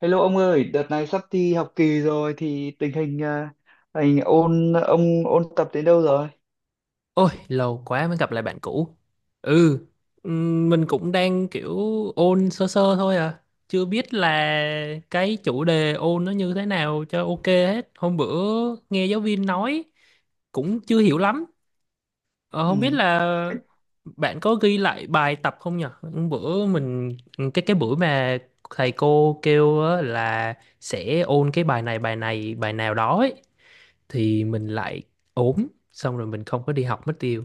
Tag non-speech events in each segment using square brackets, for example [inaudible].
Hello ông ơi, đợt này sắp thi học kỳ rồi thì tình hình anh ôn ông ôn tập đến đâu rồi? Ôi, lâu quá mới gặp lại bạn cũ. Ừ, mình cũng đang kiểu ôn sơ sơ thôi à. Chưa biết là cái chủ đề ôn nó như thế nào cho ok hết. Hôm bữa nghe giáo viên nói cũng chưa hiểu lắm. Ờ, Không biết Ừ. là bạn có ghi lại bài tập không nhỉ? Hôm bữa mình cái buổi mà thầy cô kêu á là sẽ ôn cái bài này bài này bài nào đó ấy, thì mình lại ốm xong rồi mình không có đi học mất tiêu.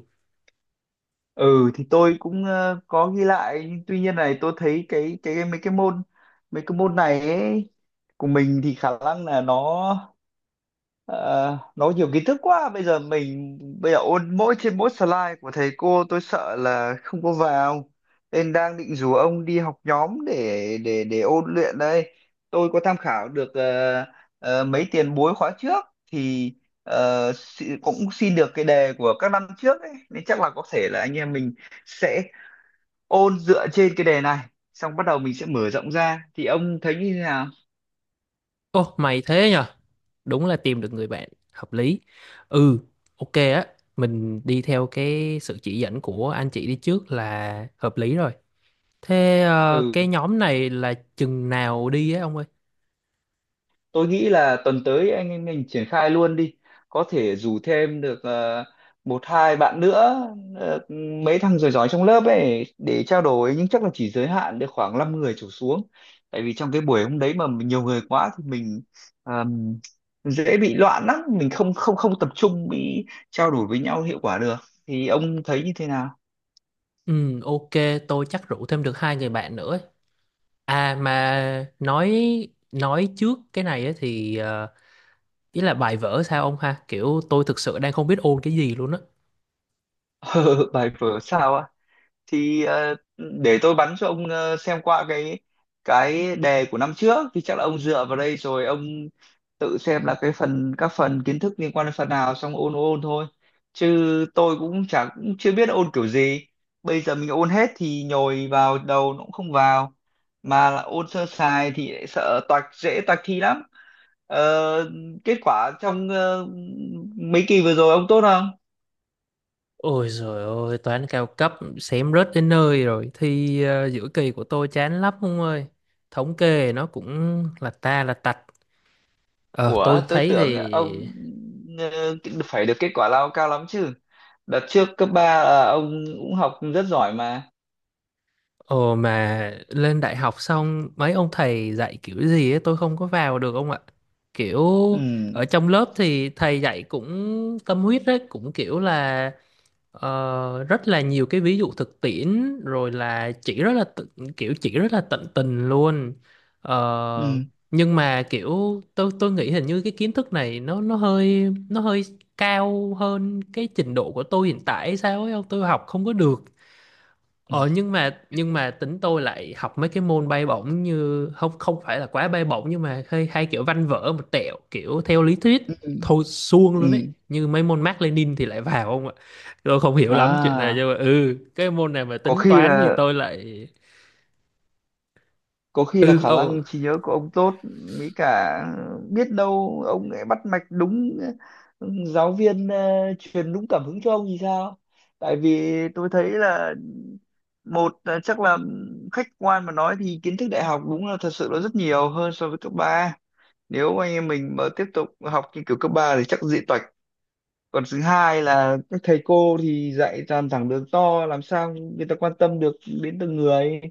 Ừ thì tôi cũng có ghi lại nhưng tuy nhiên này tôi thấy cái mấy cái môn này ấy, của mình thì khả năng là nói nhiều kiến thức quá bây giờ bây giờ ôn mỗi trên mỗi slide của thầy cô tôi sợ là không có vào, nên đang định rủ ông đi học nhóm để ôn luyện đây. Tôi có tham khảo được mấy tiền bối khóa trước thì, cũng xin được cái đề của các năm trước ấy, nên chắc là có thể là anh em mình sẽ ôn dựa trên cái đề này, xong bắt đầu mình sẽ mở rộng ra, thì ông thấy như thế nào? Ô, mày thế nhờ? Đúng là tìm được người bạn hợp lý. Ừ, ok á, mình đi theo cái sự chỉ dẫn của anh chị đi trước là hợp lý rồi. Thế Ừ, cái nhóm này là chừng nào đi á ông ơi? tôi nghĩ là tuần tới anh em mình triển khai luôn đi, có thể rủ thêm được một hai bạn nữa, ờ, mấy thằng giỏi giỏi trong lớp ấy để trao đổi, nhưng chắc là chỉ giới hạn được khoảng 5 người trở xuống, tại vì trong cái buổi hôm đấy mà nhiều người quá thì mình ờm, dễ bị loạn lắm, mình không không không tập trung bị trao đổi với nhau hiệu quả được, thì ông thấy như thế nào? Ừ, ok, tôi chắc rủ thêm được hai người bạn nữa ấy. À mà nói trước cái này á thì ý là bài vở sao ông ha? Kiểu tôi thực sự đang không biết ôn cái gì luôn á. [laughs] Bài vở sao ạ? Thì để tôi bắn cho ông, xem qua cái đề của năm trước thì chắc là ông dựa vào đây rồi ông tự xem là cái phần các phần kiến thức liên quan đến phần nào xong ôn ôn thôi, chứ tôi cũng chưa biết ôn kiểu gì. Bây giờ mình ôn hết thì nhồi vào đầu nó cũng không vào, mà là ôn sơ sài thì lại sợ toạc, dễ toạc thi lắm. Ờ, Kết quả trong mấy kỳ vừa rồi ông tốt không? Ôi giời ơi, toán cao cấp xém rớt đến nơi rồi. Thi giữa kỳ của tôi chán lắm ông ơi. Thống kê nó cũng là tạch. Ờ, Ủa, tôi tôi thấy tưởng ông thì. ờ, phải được kết quả lao cao lắm chứ. Đợt trước cấp 3 ông cũng học rất giỏi mà. Ồ mà lên đại học xong mấy ông thầy dạy kiểu gì ấy, tôi không có vào được ông ạ. Kiểu Ừ, ở trong lớp thì thầy dạy cũng tâm huyết đấy, cũng kiểu là rất là nhiều cái ví dụ thực tiễn rồi là chỉ rất là kiểu chỉ rất là tận tình luôn. Ờ, ừ, nhưng mà kiểu tôi nghĩ hình như cái kiến thức này nó hơi cao hơn cái trình độ của tôi hiện tại hay sao ấy không tôi học không có được. ừ, Ờ nhưng mà tính tôi lại học mấy cái môn bay bổng như không không phải là quá bay bổng nhưng mà hay kiểu văn vở một tẹo kiểu theo lý thuyết ừ. thôi suông Ừ. luôn ấy như mấy môn Mác Lênin thì lại vào không ạ. Tôi không hiểu lắm chuyện này nhưng À, mà cái môn này mà có tính khi toán thì là, tôi lại có khi là ừ khả năng trí nhớ của ông tốt mới cả biết đâu ông lại bắt mạch đúng, ừ, giáo viên truyền đúng cảm hứng cho ông thì sao. Tại vì tôi thấy là, một là chắc là khách quan mà nói thì kiến thức đại học đúng là thật sự là rất nhiều hơn so với cấp ba, nếu anh em mình mà tiếp tục học như kiểu cấp 3 thì chắc dị toạch. Còn thứ hai là các thầy cô thì dạy toàn thẳng đường to, làm sao người ta quan tâm được đến từng người.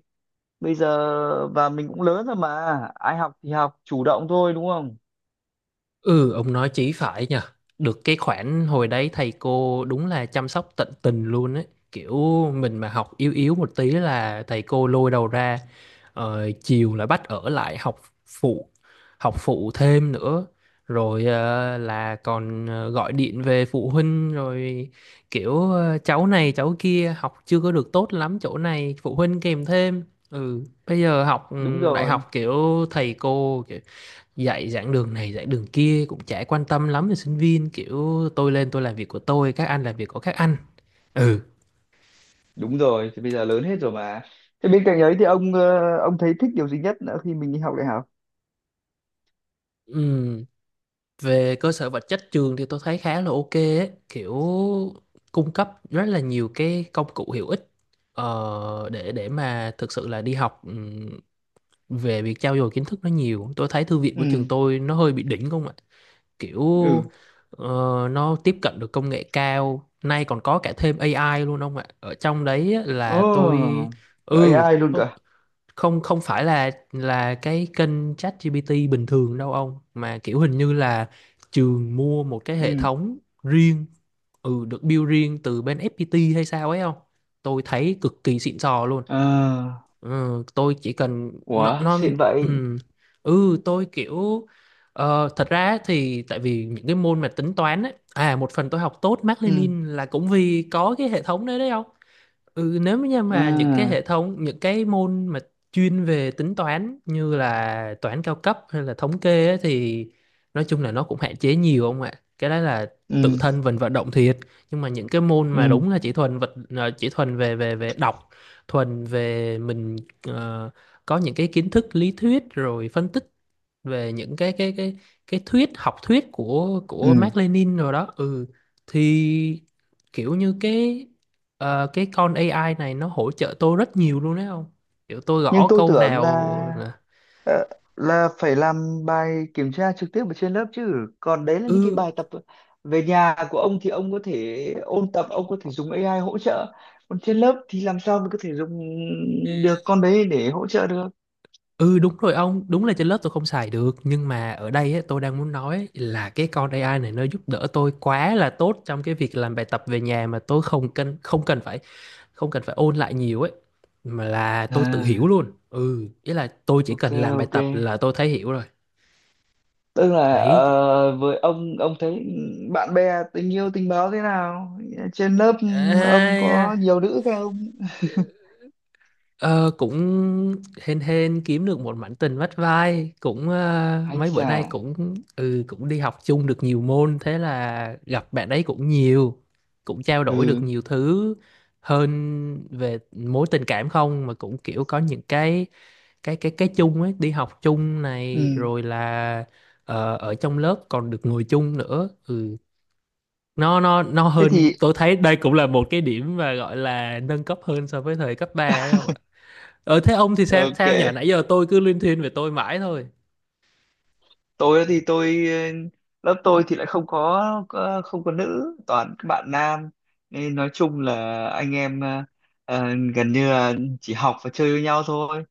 Bây giờ và mình cũng lớn rồi mà, ai học thì học chủ động thôi, đúng không? Ừ, ông nói chí phải nhờ. Được cái khoản hồi đấy thầy cô đúng là chăm sóc tận tình luôn ấy. Kiểu mình mà học yếu yếu một tí là thầy cô lôi đầu ra. Chiều là bắt ở lại phụ, học phụ thêm nữa. Rồi là còn gọi điện về phụ huynh rồi kiểu cháu này cháu kia học chưa có được tốt lắm chỗ này phụ huynh kèm thêm. Ừ, bây giờ học Đúng đại rồi. học kiểu thầy cô kiểu dạy giảng đường này giảng đường kia cũng chả quan tâm lắm về sinh viên kiểu tôi lên tôi làm việc của tôi các anh làm việc của các anh ừ Đúng rồi, thì bây giờ lớn hết rồi mà. Thế bên cạnh ấy thì ông, ông thấy thích điều gì nhất nữa khi mình đi học đại học? Ừm, Về cơ sở vật chất trường thì tôi thấy khá là ok ấy. Kiểu cung cấp rất là nhiều cái công cụ hữu ích để mà thực sự là đi học. Về việc trau dồi kiến thức nó nhiều tôi thấy thư viện của trường Ừ. tôi nó hơi bị đỉnh không ạ. Kiểu Ừ. ờ, nó tiếp cận được công nghệ cao nay còn có cả thêm AI luôn ông ạ ở trong đấy á, Ồ. là tôi Oh, ừ AI luôn cả. không không phải là cái kênh ChatGPT bình thường đâu ông mà kiểu hình như là trường mua một cái hệ Ừ. thống riêng, được build riêng từ bên FPT hay sao ấy không tôi thấy cực kỳ xịn sò luôn. À. Ừ, tôi chỉ cần nó Ủa, nó xịn vậy. ừ, tôi kiểu thật ra thì tại vì những cái môn mà tính toán ấy à một phần tôi học tốt Mác Ừ. Lênin là cũng vì có cái hệ thống đấy đấy không. Ừ, nếu như mà À. Những cái môn mà chuyên về tính toán như là toán cao cấp hay là thống kê ấy, thì nói chung là nó cũng hạn chế nhiều không ạ. Cái đó là Ừ. tự thân mình vận động thiệt. Nhưng mà những cái môn mà Ừ. đúng là chỉ chỉ thuần về về về đọc, thuần về mình, ờ, có những cái kiến thức lý thuyết rồi phân tích về những cái thuyết học thuyết của Ừ. Mác Lênin rồi đó ừ thì kiểu như cái con AI này nó hỗ trợ tôi rất nhiều luôn đấy không, kiểu tôi Nhưng gõ tôi câu tưởng nào là, là Ờ, là phải làm bài kiểm tra trực tiếp ở trên lớp chứ, còn đấy là những cái ừ, bài tập về nhà của ông thì ông có thể ôn tập, ông có thể dùng AI hỗ trợ. Còn trên lớp thì làm sao mình có thể dùng được con đấy để hỗ trợ được. ừ, đúng rồi ông. Đúng là trên lớp tôi không xài được nhưng mà ở đây ấy, tôi đang muốn nói là cái con AI này nó giúp đỡ tôi quá là tốt trong cái việc làm bài tập về nhà mà tôi không cần phải ôn lại nhiều ấy, mà là tôi tự hiểu À, luôn. Ừ Ý là tôi chỉ ok, cần làm bài ok, tập là tôi thấy hiểu rồi tức là ấy. Với ông thấy bạn bè, tình yêu tình báo thế nào trên lớp? Ông có À, nhiều nữ không? Ờ, cũng hên hên kiếm được một mảnh tình vắt vai cũng [laughs] Ấy mấy bữa chà. nay cũng cũng đi học chung được nhiều môn thế là gặp bạn ấy cũng nhiều, cũng trao đổi được Ừ. nhiều thứ hơn về mối tình cảm không mà cũng kiểu có những cái chung ấy đi học chung này Ừ. rồi là ở trong lớp còn được ngồi chung nữa ừ nó Thế hơn thì tôi thấy đây cũng là một cái điểm mà gọi là nâng cấp hơn so với thời cấp 3. Thế ông thì sao ok. sao nhở nãy giờ tôi cứ liên thuyên về tôi mãi thôi. Tôi thì tôi, lớp tôi thì lại không có, không có nữ, toàn các bạn nam, nên nói chung là anh em, ờ, gần như là chỉ học và chơi với nhau thôi.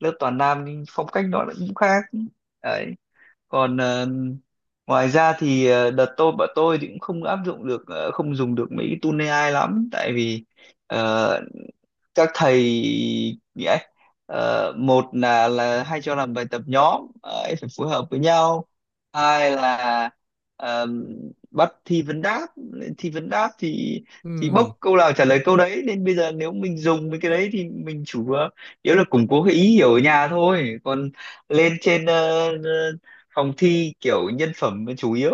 Lớp toàn nam nhưng phong cách nó lại cũng khác đấy. Còn ngoài ra thì, đợt tôi bọn tôi thì cũng không áp dụng được, không dùng được mấy cái tool AI lắm, tại vì ờ, các thầy nghĩa, một là hay cho làm bài tập nhóm ấy, phải phối hợp với nhau. Hai là ờm, bắt thi vấn đáp. Thi vấn đáp thì Ừ. bốc câu nào trả lời câu đấy, nên bây giờ nếu mình dùng mấy cái đấy thì mình chủ yếu yếu là củng cố cái ý hiểu ở nhà thôi, còn lên trên, phòng thi kiểu nhân phẩm chủ yếu,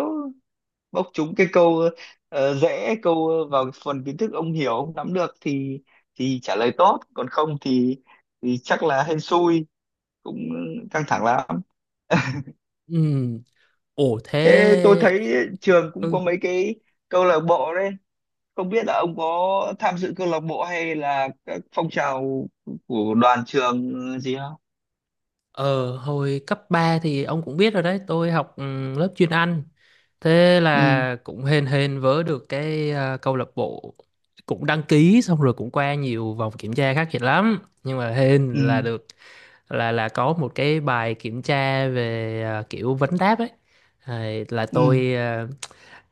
bốc trúng cái câu dễ, câu vào phần kiến thức ông hiểu ông nắm được thì trả lời tốt, còn không thì thì chắc là hên xui, cũng căng thẳng lắm. [laughs] Ừ. Ồ Thế tôi thế. thấy trường cũng có Ừ. mấy cái câu lạc bộ đấy, không biết là ông có tham dự câu lạc bộ hay là các phong trào của đoàn trường gì không? Ờ Hồi cấp 3 thì ông cũng biết rồi đấy, tôi học lớp chuyên Anh. Thế Ừ. là cũng hên hên vớ được cái câu lạc bộ cũng đăng ký xong rồi cũng qua nhiều vòng kiểm tra khắc nghiệt lắm. Nhưng mà hên Ừ. là được là có một cái bài kiểm tra về kiểu vấn đáp ấy. À, là Ừ. tôi à,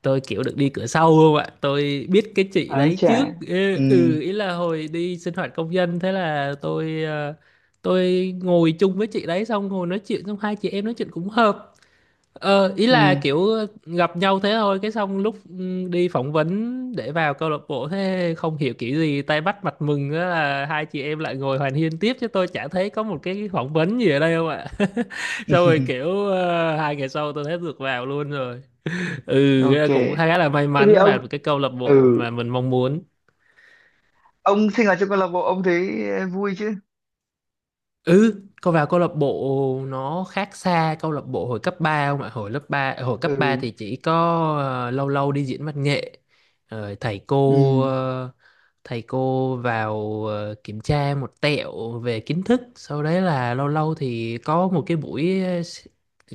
tôi kiểu được đi cửa sau không ạ, tôi biết cái chị Ái đấy chà. trước, Ừ. Ý là hồi đi sinh hoạt công dân thế là tôi ngồi chung với chị đấy xong ngồi nói chuyện xong hai chị em nói chuyện cũng hợp, ý là Ừ. kiểu gặp nhau thế thôi cái xong lúc đi phỏng vấn để vào câu lạc bộ thế không hiểu kiểu gì tay bắt mặt mừng á là hai chị em lại ngồi hoàn hiên tiếp chứ tôi chả thấy có một cái phỏng vấn gì ở đây không ạ. [laughs] Xong rồi [laughs] kiểu 2 ngày sau tôi thấy được vào luôn rồi. Ok, Cũng khá là may thế thì mắn vào ông, cái câu lạc bộ ừ, mà mình mong muốn. ông sinh hoạt trong câu lạc bộ ông thấy vui chứ? Ừ, cô vào câu lạc bộ nó khác xa câu lạc bộ hồi cấp 3 không ạ? Hồi cấp 3 Ừ. thì chỉ có lâu lâu đi diễn văn nghệ. Rồi Ừ. Thầy cô vào kiểm tra một tẹo về kiến thức, sau đấy là lâu lâu thì có một cái buổi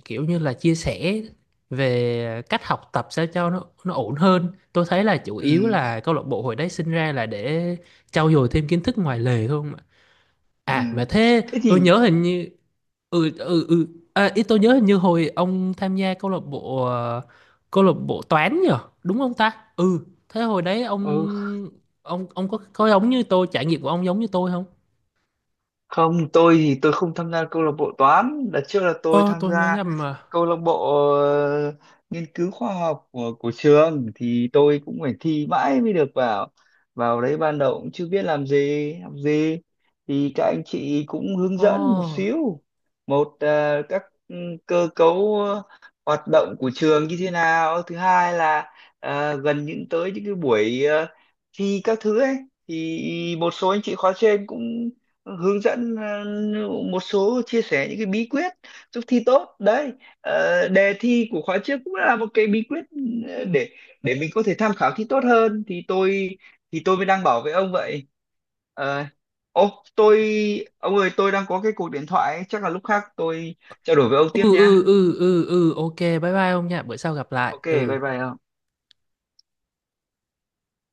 kiểu như là chia sẻ về cách học tập sao cho nó ổn hơn. Tôi thấy là chủ yếu Ừ. là câu lạc bộ hồi đấy sinh ra là để trau dồi thêm kiến thức ngoài lề thôi. Ừ. À mà thế Thế thì, tôi nhớ hình như ừ ừ ừ à, ý tôi nhớ hình như hồi ông tham gia câu lạc bộ câu lạc bộ toán nhờ, đúng không ta? Ừ, thế hồi đấy ừ, ông có giống như tôi, trải nghiệm của ông giống như tôi không? không tôi thì tôi không tham gia câu lạc bộ toán, đợt trước là tôi Ờ tham tôi nhớ gia nhầm mà. câu lạc bộ ờ, nghiên cứu khoa học của trường, thì tôi cũng phải thi mãi mới được vào. Vào đấy ban đầu cũng chưa biết làm gì học gì, thì các anh chị cũng hướng dẫn một Ồ. xíu một, các, cơ cấu hoạt động của trường như thế nào. Thứ hai là gần những tới những cái buổi thi các thứ ấy, thì một số anh chị khóa trên cũng hướng dẫn, một số chia sẻ những cái bí quyết giúp thi tốt đấy. Đề thi của khóa trước cũng là một cái bí quyết ờ, để để mình có thể tham khảo thi tốt hơn, thì tôi mới đang bảo với ông vậy. Ờ, Ô tôi, ông ơi tôi đang có cái cuộc điện thoại ấy, chắc là lúc khác tôi trao đổi với ông Ừ tiếp ừ nha. ừ ừ ừ ok bye bye ông nha, bữa sau gặp lại. Ok, Ừ. bye bye ông.